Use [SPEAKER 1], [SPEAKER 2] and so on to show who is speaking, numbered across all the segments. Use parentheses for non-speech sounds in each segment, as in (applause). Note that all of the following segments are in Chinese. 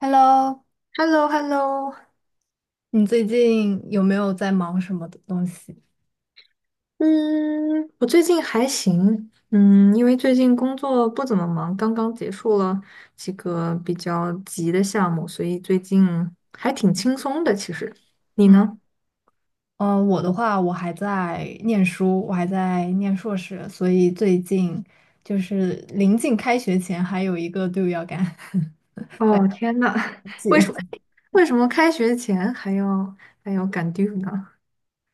[SPEAKER 1] Hello，
[SPEAKER 2] h e l l o h e l l o
[SPEAKER 1] 你最近有没有在忙什么的东西？
[SPEAKER 2] 嗯，我最近还行，因为最近工作不怎么忙，刚刚结束了几个比较急的项目，所以最近还挺轻松的。其实，你
[SPEAKER 1] 嗯，
[SPEAKER 2] 呢？
[SPEAKER 1] 我的话，我还在念书，我还在念硕士，所以最近就是临近开学前还有一个队伍要赶。(laughs)
[SPEAKER 2] 哦，天呐，(laughs) 为什么开学前还要赶 due 呢？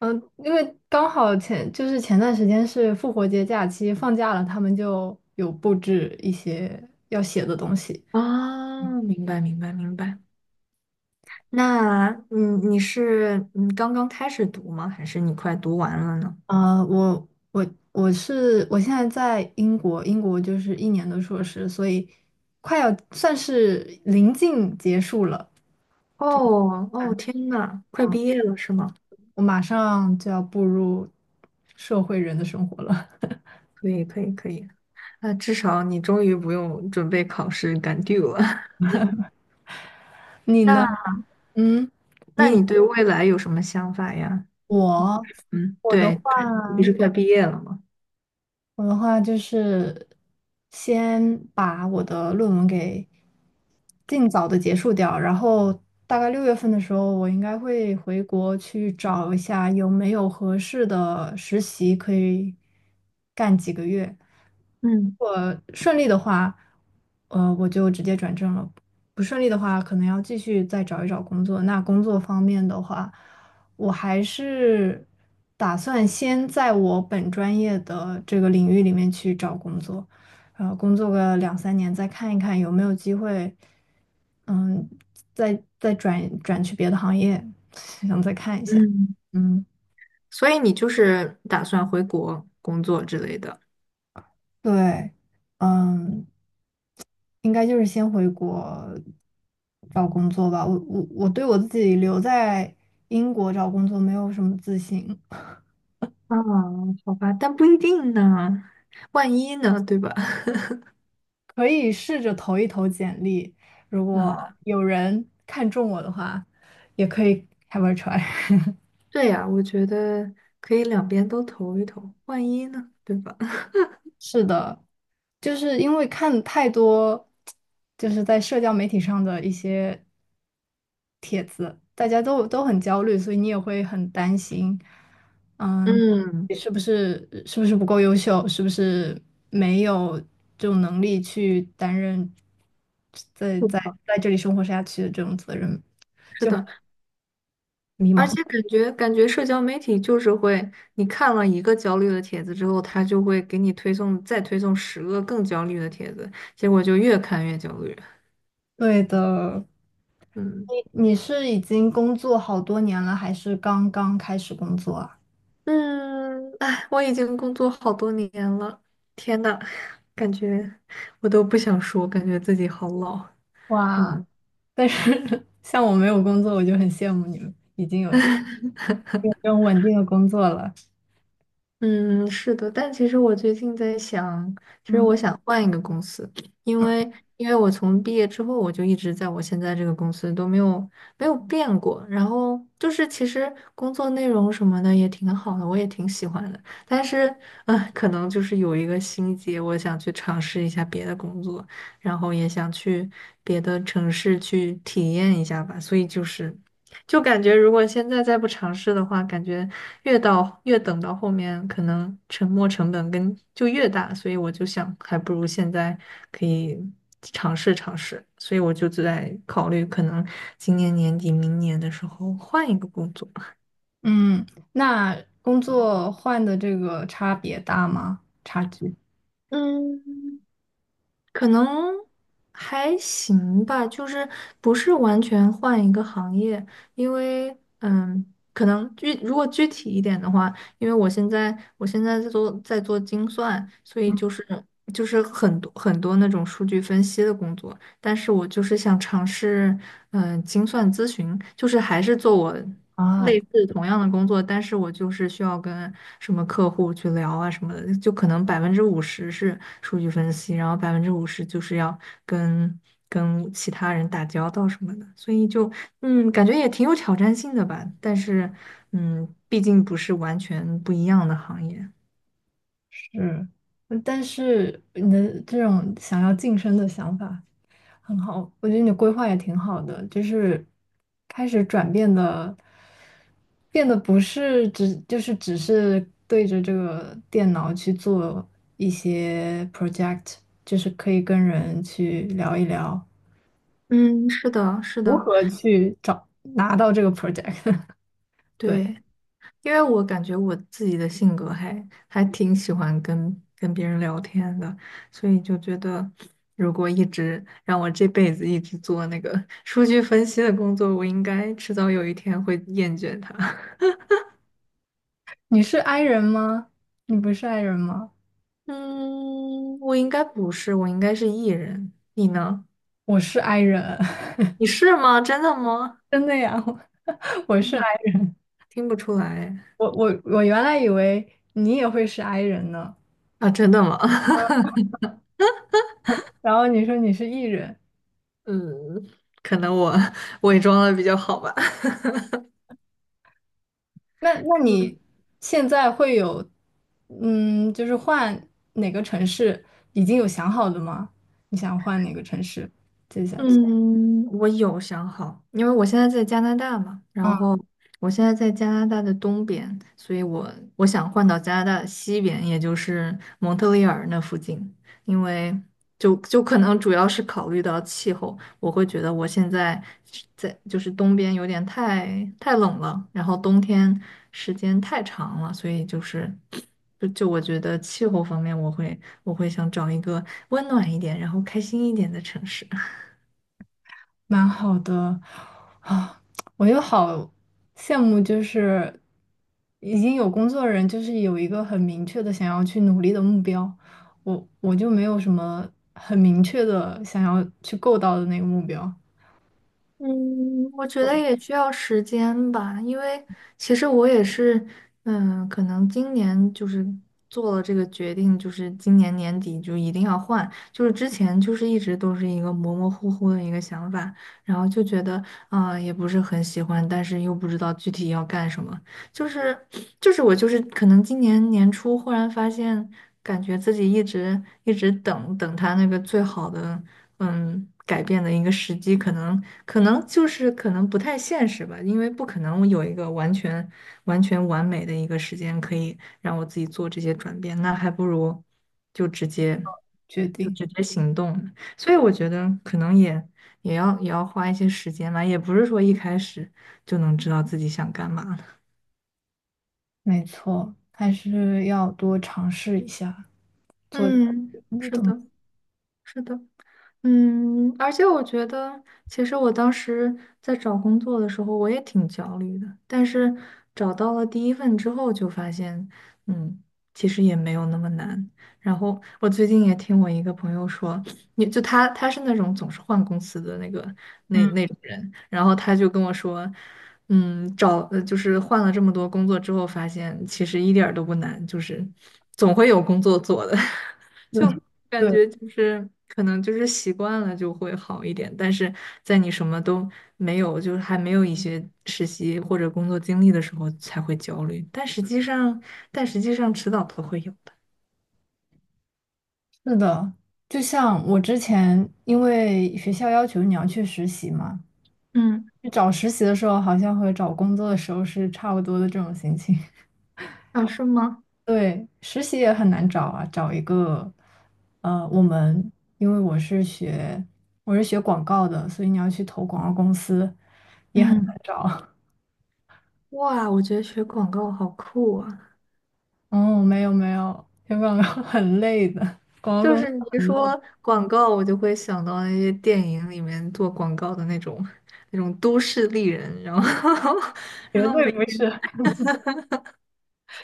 [SPEAKER 1] 嗯，因为刚好前就是前段时间是复活节假期放假了，他们就有布置一些要写的东西。
[SPEAKER 2] 啊，明白。那你是刚刚开始读吗？还是你快读完了呢？
[SPEAKER 1] 啊，我我是我现在在英国，英国就是1年的硕士，所以快要算是临近结束了。
[SPEAKER 2] 哦，天呐，快
[SPEAKER 1] 嗯，
[SPEAKER 2] 毕业了是吗？
[SPEAKER 1] 我马上就要步入社会人的生活了。
[SPEAKER 2] 可以，可以，可以。那至少你终于不用准备考试赶 due 了。(laughs)
[SPEAKER 1] (laughs) 你
[SPEAKER 2] 那，
[SPEAKER 1] 呢？嗯，
[SPEAKER 2] 那
[SPEAKER 1] 你
[SPEAKER 2] 你对未来有什么想法呀？
[SPEAKER 1] 我
[SPEAKER 2] 嗯，
[SPEAKER 1] 我的
[SPEAKER 2] 对，
[SPEAKER 1] 话。
[SPEAKER 2] 你不是快毕业了吗？
[SPEAKER 1] 我的话就是先把我的论文给尽早的结束掉，然后大概6月份的时候，我应该会回国去找一下有没有合适的实习可以干几个月。
[SPEAKER 2] 嗯，
[SPEAKER 1] 我顺利的话，我就直接转正了；不顺利的话，可能要继续再找一找工作。那工作方面的话，我还是打算先在我本专业的这个领域里面去找工作，呃，工作个2、3年，再看一看有没有机会，嗯，再转转去别的行业，(laughs) 想再看一下。
[SPEAKER 2] 嗯，
[SPEAKER 1] 嗯，
[SPEAKER 2] 所以你就是打算回国工作之类的。
[SPEAKER 1] 对，嗯，应该就是先回国找工作吧。我我对我自己留在英国找工作没有什么自信，
[SPEAKER 2] 啊，好吧，但不一定呢，万一呢，对吧？(laughs)
[SPEAKER 1] 可以试着投一投简历，如果
[SPEAKER 2] 啊，
[SPEAKER 1] 有人看中我的话，也可以 have a try。(laughs)
[SPEAKER 2] 对呀，我觉得可以两边都投一投，万一呢，对吧？(laughs)
[SPEAKER 1] 是的，就是因为看太多，就是在社交媒体上的一些，大家都很焦虑，所以你也会很担心，嗯，
[SPEAKER 2] 嗯，
[SPEAKER 1] 你是不是不够优秀，是不是没有这种能力去担任在
[SPEAKER 2] 是
[SPEAKER 1] 在
[SPEAKER 2] 的，
[SPEAKER 1] 在这里生活下去的这种责任，
[SPEAKER 2] 是的。
[SPEAKER 1] 迷
[SPEAKER 2] 而
[SPEAKER 1] 茫。
[SPEAKER 2] 且感觉社交媒体就是会，你看了一个焦虑的帖子之后，它就会给你推送再推送十个更焦虑的帖子，结果就越看越焦虑。
[SPEAKER 1] 对的，
[SPEAKER 2] 嗯，
[SPEAKER 1] 你是已经工作好多年了，还是刚刚开始工作啊？
[SPEAKER 2] 嗯，哎，我已经工作好多年了，天呐，感觉我都不想说，感觉自己好老。
[SPEAKER 1] 哇，
[SPEAKER 2] 嗯。
[SPEAKER 1] 但是 (laughs) 像我没有工作，我就很羡慕你们已经有这种稳定的工作了。
[SPEAKER 2] 嗯，是的，但其实我最近在想，其实
[SPEAKER 1] 嗯
[SPEAKER 2] 我想换一个公司，因为因为我从毕业之后，我就一直在我现在这个公司都没有变过，然后就是其实工作内容什么的也挺好的，我也挺喜欢的，但是可能就是有一个心结，我想去尝试一下别的工作，然后也想去别的城市去体验一下吧，所以就是。就感觉如果现在再不尝试的话，感觉越到越等到后面，可能沉没成本跟就越大，所以我就想，还不如现在可以尝试尝试，所以我就在考虑，可能今年年底、明年的时候换一个工作。
[SPEAKER 1] 嗯，那工作换的这个差别大吗？差距
[SPEAKER 2] 嗯。可能还行吧，就是不是完全换一个行业，因为可能具如果具体一点的话，因为我现在在做精算，所以就是就是很多那种数据分析的工作，但是我就是想尝试，精算咨询，就是还是做我
[SPEAKER 1] 啊，
[SPEAKER 2] 类似同样的工作，但是我就是需要什么客户去聊啊什么的，就可能百分之五十是数据分析，然后百分之五十就是要跟跟其他人打交道什么的，所以就感觉也挺有挑战性的吧，但是毕竟不是完全不一样的行业。
[SPEAKER 1] 是，嗯但是你的这种想要晋升的想法。很好，我觉得你规划也挺好的，就是开始转变的，变得不是只就是只是对着这个电脑去做一些 project，就是可以跟人去聊一聊
[SPEAKER 2] 嗯，是的，是
[SPEAKER 1] 如
[SPEAKER 2] 的，
[SPEAKER 1] 何去找拿到这个 project。(laughs) 对，
[SPEAKER 2] 对。因为我感觉我自己的性格还挺喜欢跟别人聊天的，所以就觉得如果一直让我这辈子一直做那个 (laughs) 数据分析的工作，我应该迟早有一天会厌倦它。
[SPEAKER 1] 你是 i 人吗？你不是 i 人吗？
[SPEAKER 2] (laughs) 嗯，我应该不是，我应该是艺人。你呢？
[SPEAKER 1] 我是 i 人，
[SPEAKER 2] 你是吗？真的吗？
[SPEAKER 1] (laughs) 真的呀，(laughs) 我
[SPEAKER 2] 真
[SPEAKER 1] 是
[SPEAKER 2] 的
[SPEAKER 1] i，
[SPEAKER 2] 听不出来
[SPEAKER 1] 我我原来以为你也会是 i 人呢，
[SPEAKER 2] 啊，真的吗？
[SPEAKER 1] 然后你说你是 e 人。
[SPEAKER 2] (laughs) 嗯，可能我伪装的比较好吧。
[SPEAKER 1] 那那你现在会有，嗯，就是换哪个城市已经有想好的吗？你想换哪个城市接下去？
[SPEAKER 2] 嗯，我有想好，因为我现在在加拿大嘛，
[SPEAKER 1] 嗯，
[SPEAKER 2] 然后我现在在加拿大的东边，所以我想换到加拿大的西边，也就是蒙特利尔那附近，因为就可能主要是考虑到气候，我会觉得我现在是在就是东边有点太冷了，然后冬天时间太长了，所以就是就我觉得气候方面，我会想找一个温暖一点，然后开心一点的城市。
[SPEAKER 1] 蛮好的啊，我又好羡慕，就是已经有工作的人，就是有一个很明确的想要去努力的目标，我就没有什么很明确的想要去够到的那个目标
[SPEAKER 2] 我觉得也需要时间吧，因为其实我也是，可能今年就是做了这个决定，就是今年年底就一定要换，就是之前就是一直都是一个模模糊糊的一个想法，然后就觉得啊，也不是很喜欢，但是又不知道具体要干什么，就是就是我就是可能今年年初忽然发现，感觉自己一直等他那个最好的。嗯，改变的一个时机，可能可能不太现实吧，因为不可能有一个完全完美的一个时间可以让我自己做这些转变，那还不如就直接
[SPEAKER 1] 决
[SPEAKER 2] 就
[SPEAKER 1] 定。
[SPEAKER 2] 直接行动呢，所以我觉得可能也要花一些时间吧，也不是说一开始就能知道自己想干嘛的。
[SPEAKER 1] 没错，还是要多尝试一下。所
[SPEAKER 2] 嗯，
[SPEAKER 1] 那
[SPEAKER 2] 是
[SPEAKER 1] 怎么
[SPEAKER 2] 的，是的。嗯，而且我觉得，其实我当时在找工作的时候，我也挺焦虑的。但是找到了第一份之后，就发现，嗯，其实也没有那么难。然后我最近也听我一个朋友说，你就他是那种总是换公司的那那种人，然后他就跟我说，就是换了这么多工作之后，发现其实一点儿都不难，就是总会有工作做的。(laughs) 就
[SPEAKER 1] 是？
[SPEAKER 2] 感
[SPEAKER 1] 对，
[SPEAKER 2] 觉就是可能就是习惯了就会好一点，但是在你什么都没有，就是还没有一些实习或者工作经历的时候才会焦虑，但实际上，迟早都会有的。
[SPEAKER 1] 是的，就像我之前，因为学校要求你要去实习嘛，
[SPEAKER 2] 嗯，
[SPEAKER 1] 去找实习的时候，好像和找工作的时候是差不多的这种心情。(laughs)
[SPEAKER 2] 啊，是吗？
[SPEAKER 1] 对，实习也很难找啊，找一个，呃，我们因为我是学广告的，所以你要去投广告公司
[SPEAKER 2] 嗯，
[SPEAKER 1] 找。(laughs)
[SPEAKER 2] 哇，我觉得学广告好酷啊！
[SPEAKER 1] 哦，没有没有，学广告 (laughs) 很累的，广告
[SPEAKER 2] 就
[SPEAKER 1] 公
[SPEAKER 2] 是你
[SPEAKER 1] 司
[SPEAKER 2] 一说广告，我就会想到那些电影里面做广告的那种都市丽人，然后 (laughs)
[SPEAKER 1] 绝对不是。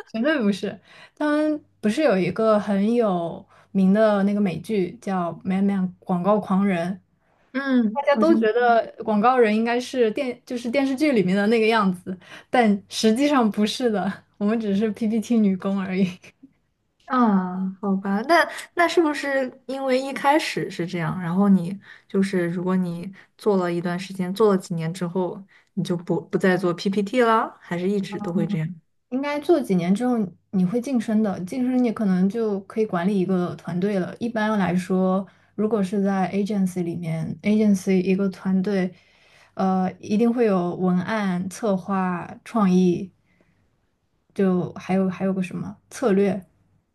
[SPEAKER 1] 绝对不是。当然，不是有一个很有名的那个美剧叫《Man Man》广告狂人》，
[SPEAKER 2] 嗯，
[SPEAKER 1] 大家
[SPEAKER 2] 好
[SPEAKER 1] 都
[SPEAKER 2] 像
[SPEAKER 1] 觉得广告人应该是电，就是电视剧里面的那个样子，但实际上不是的，我们只是 PPT 女工而已。
[SPEAKER 2] 啊，好吧，那是不是因为一开始是这样，然后就是如果你做了一段时间，做了几年之后，你就不再做 PPT 了，还是一直都会这样？
[SPEAKER 1] 应该做几年之后你会晋升的，晋升你可能就可以管理一个团队了。一般来说，如果是在 agency 里面，agency 一个团队，呃，一定会有文案、策划、创意，就还有个什么策略，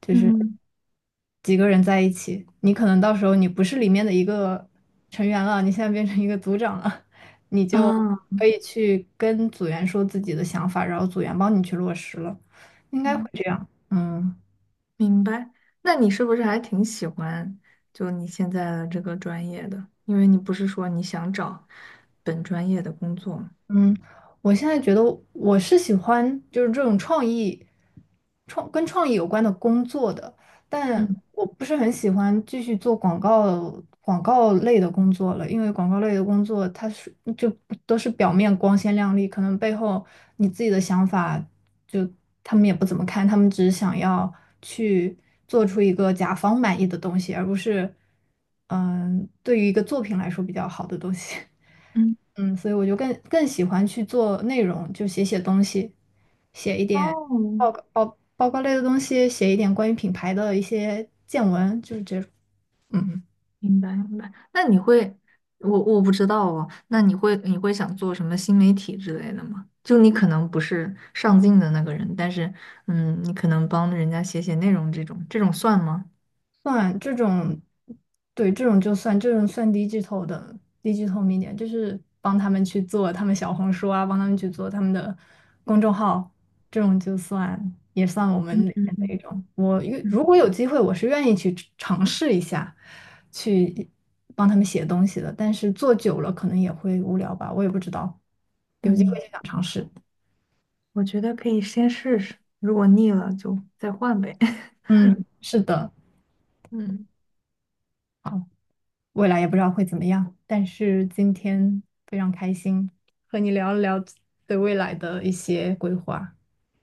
[SPEAKER 2] 嗯，
[SPEAKER 1] 几个人在一起，你可能到时候你不是里面的一个成员了，你现在变成一个组长了，(laughs) 你就
[SPEAKER 2] 啊，
[SPEAKER 1] 可以去跟组员说自己的想法，然后组员帮你去落实了，应该会
[SPEAKER 2] 嗯，
[SPEAKER 1] 这样。嗯。
[SPEAKER 2] 明白。那你是不是还挺喜欢就你现在的这个专业的？因为你不是说你想找本专业的工作吗？
[SPEAKER 1] 嗯，我现在觉得我是喜欢就是这种创意，跟创意有关的工作的，但
[SPEAKER 2] 嗯，
[SPEAKER 1] 我不是很喜欢继续做广告类的工作了，因为广告类的工作它是就都是表面光鲜亮丽，可能背后你自己的想法就他们也不怎么看，他们只是想要去做出一个甲方满意的东西，而不是嗯对于一个作品来说比较好的东西。(laughs)
[SPEAKER 2] 嗯，
[SPEAKER 1] 嗯，所以我就更喜欢去做内容，就写写东西，写一点
[SPEAKER 2] 哦，
[SPEAKER 1] 报告类的东西，写一点关于品牌的一些见闻，就是这种。嗯。
[SPEAKER 2] 明白。那你会，我不知道哦。那你会想做什么新媒体之类的吗？就你可能不是上镜的那个人，但是你可能帮人家写写内容这种，这种算吗？
[SPEAKER 1] 算这种，对，这种就算这种算低 i g 的低 i g i t 就是帮他们去做他们小红书啊，帮他们去做他们的公众号，这种就算也算我们
[SPEAKER 2] 嗯，
[SPEAKER 1] 里
[SPEAKER 2] 嗯，
[SPEAKER 1] 面的一
[SPEAKER 2] 嗯，
[SPEAKER 1] 种。
[SPEAKER 2] 嗯，
[SPEAKER 1] 如果有机会，我是愿意去尝试一下，去帮他们写东西的。但是做久了可能也会无聊吧，我也不知道，有机会
[SPEAKER 2] 嗯，
[SPEAKER 1] 就想尝试。
[SPEAKER 2] 我觉得可以先试试，如果腻了就再换呗。(laughs)
[SPEAKER 1] 嗯，是的。
[SPEAKER 2] 嗯，
[SPEAKER 1] 未来也不知道会怎么样，但是今天非常开心和你聊了聊对未来的一些规划。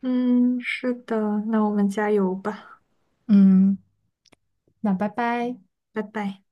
[SPEAKER 2] 嗯，是的，那我们加油吧，
[SPEAKER 1] 嗯，那拜拜。
[SPEAKER 2] 拜拜。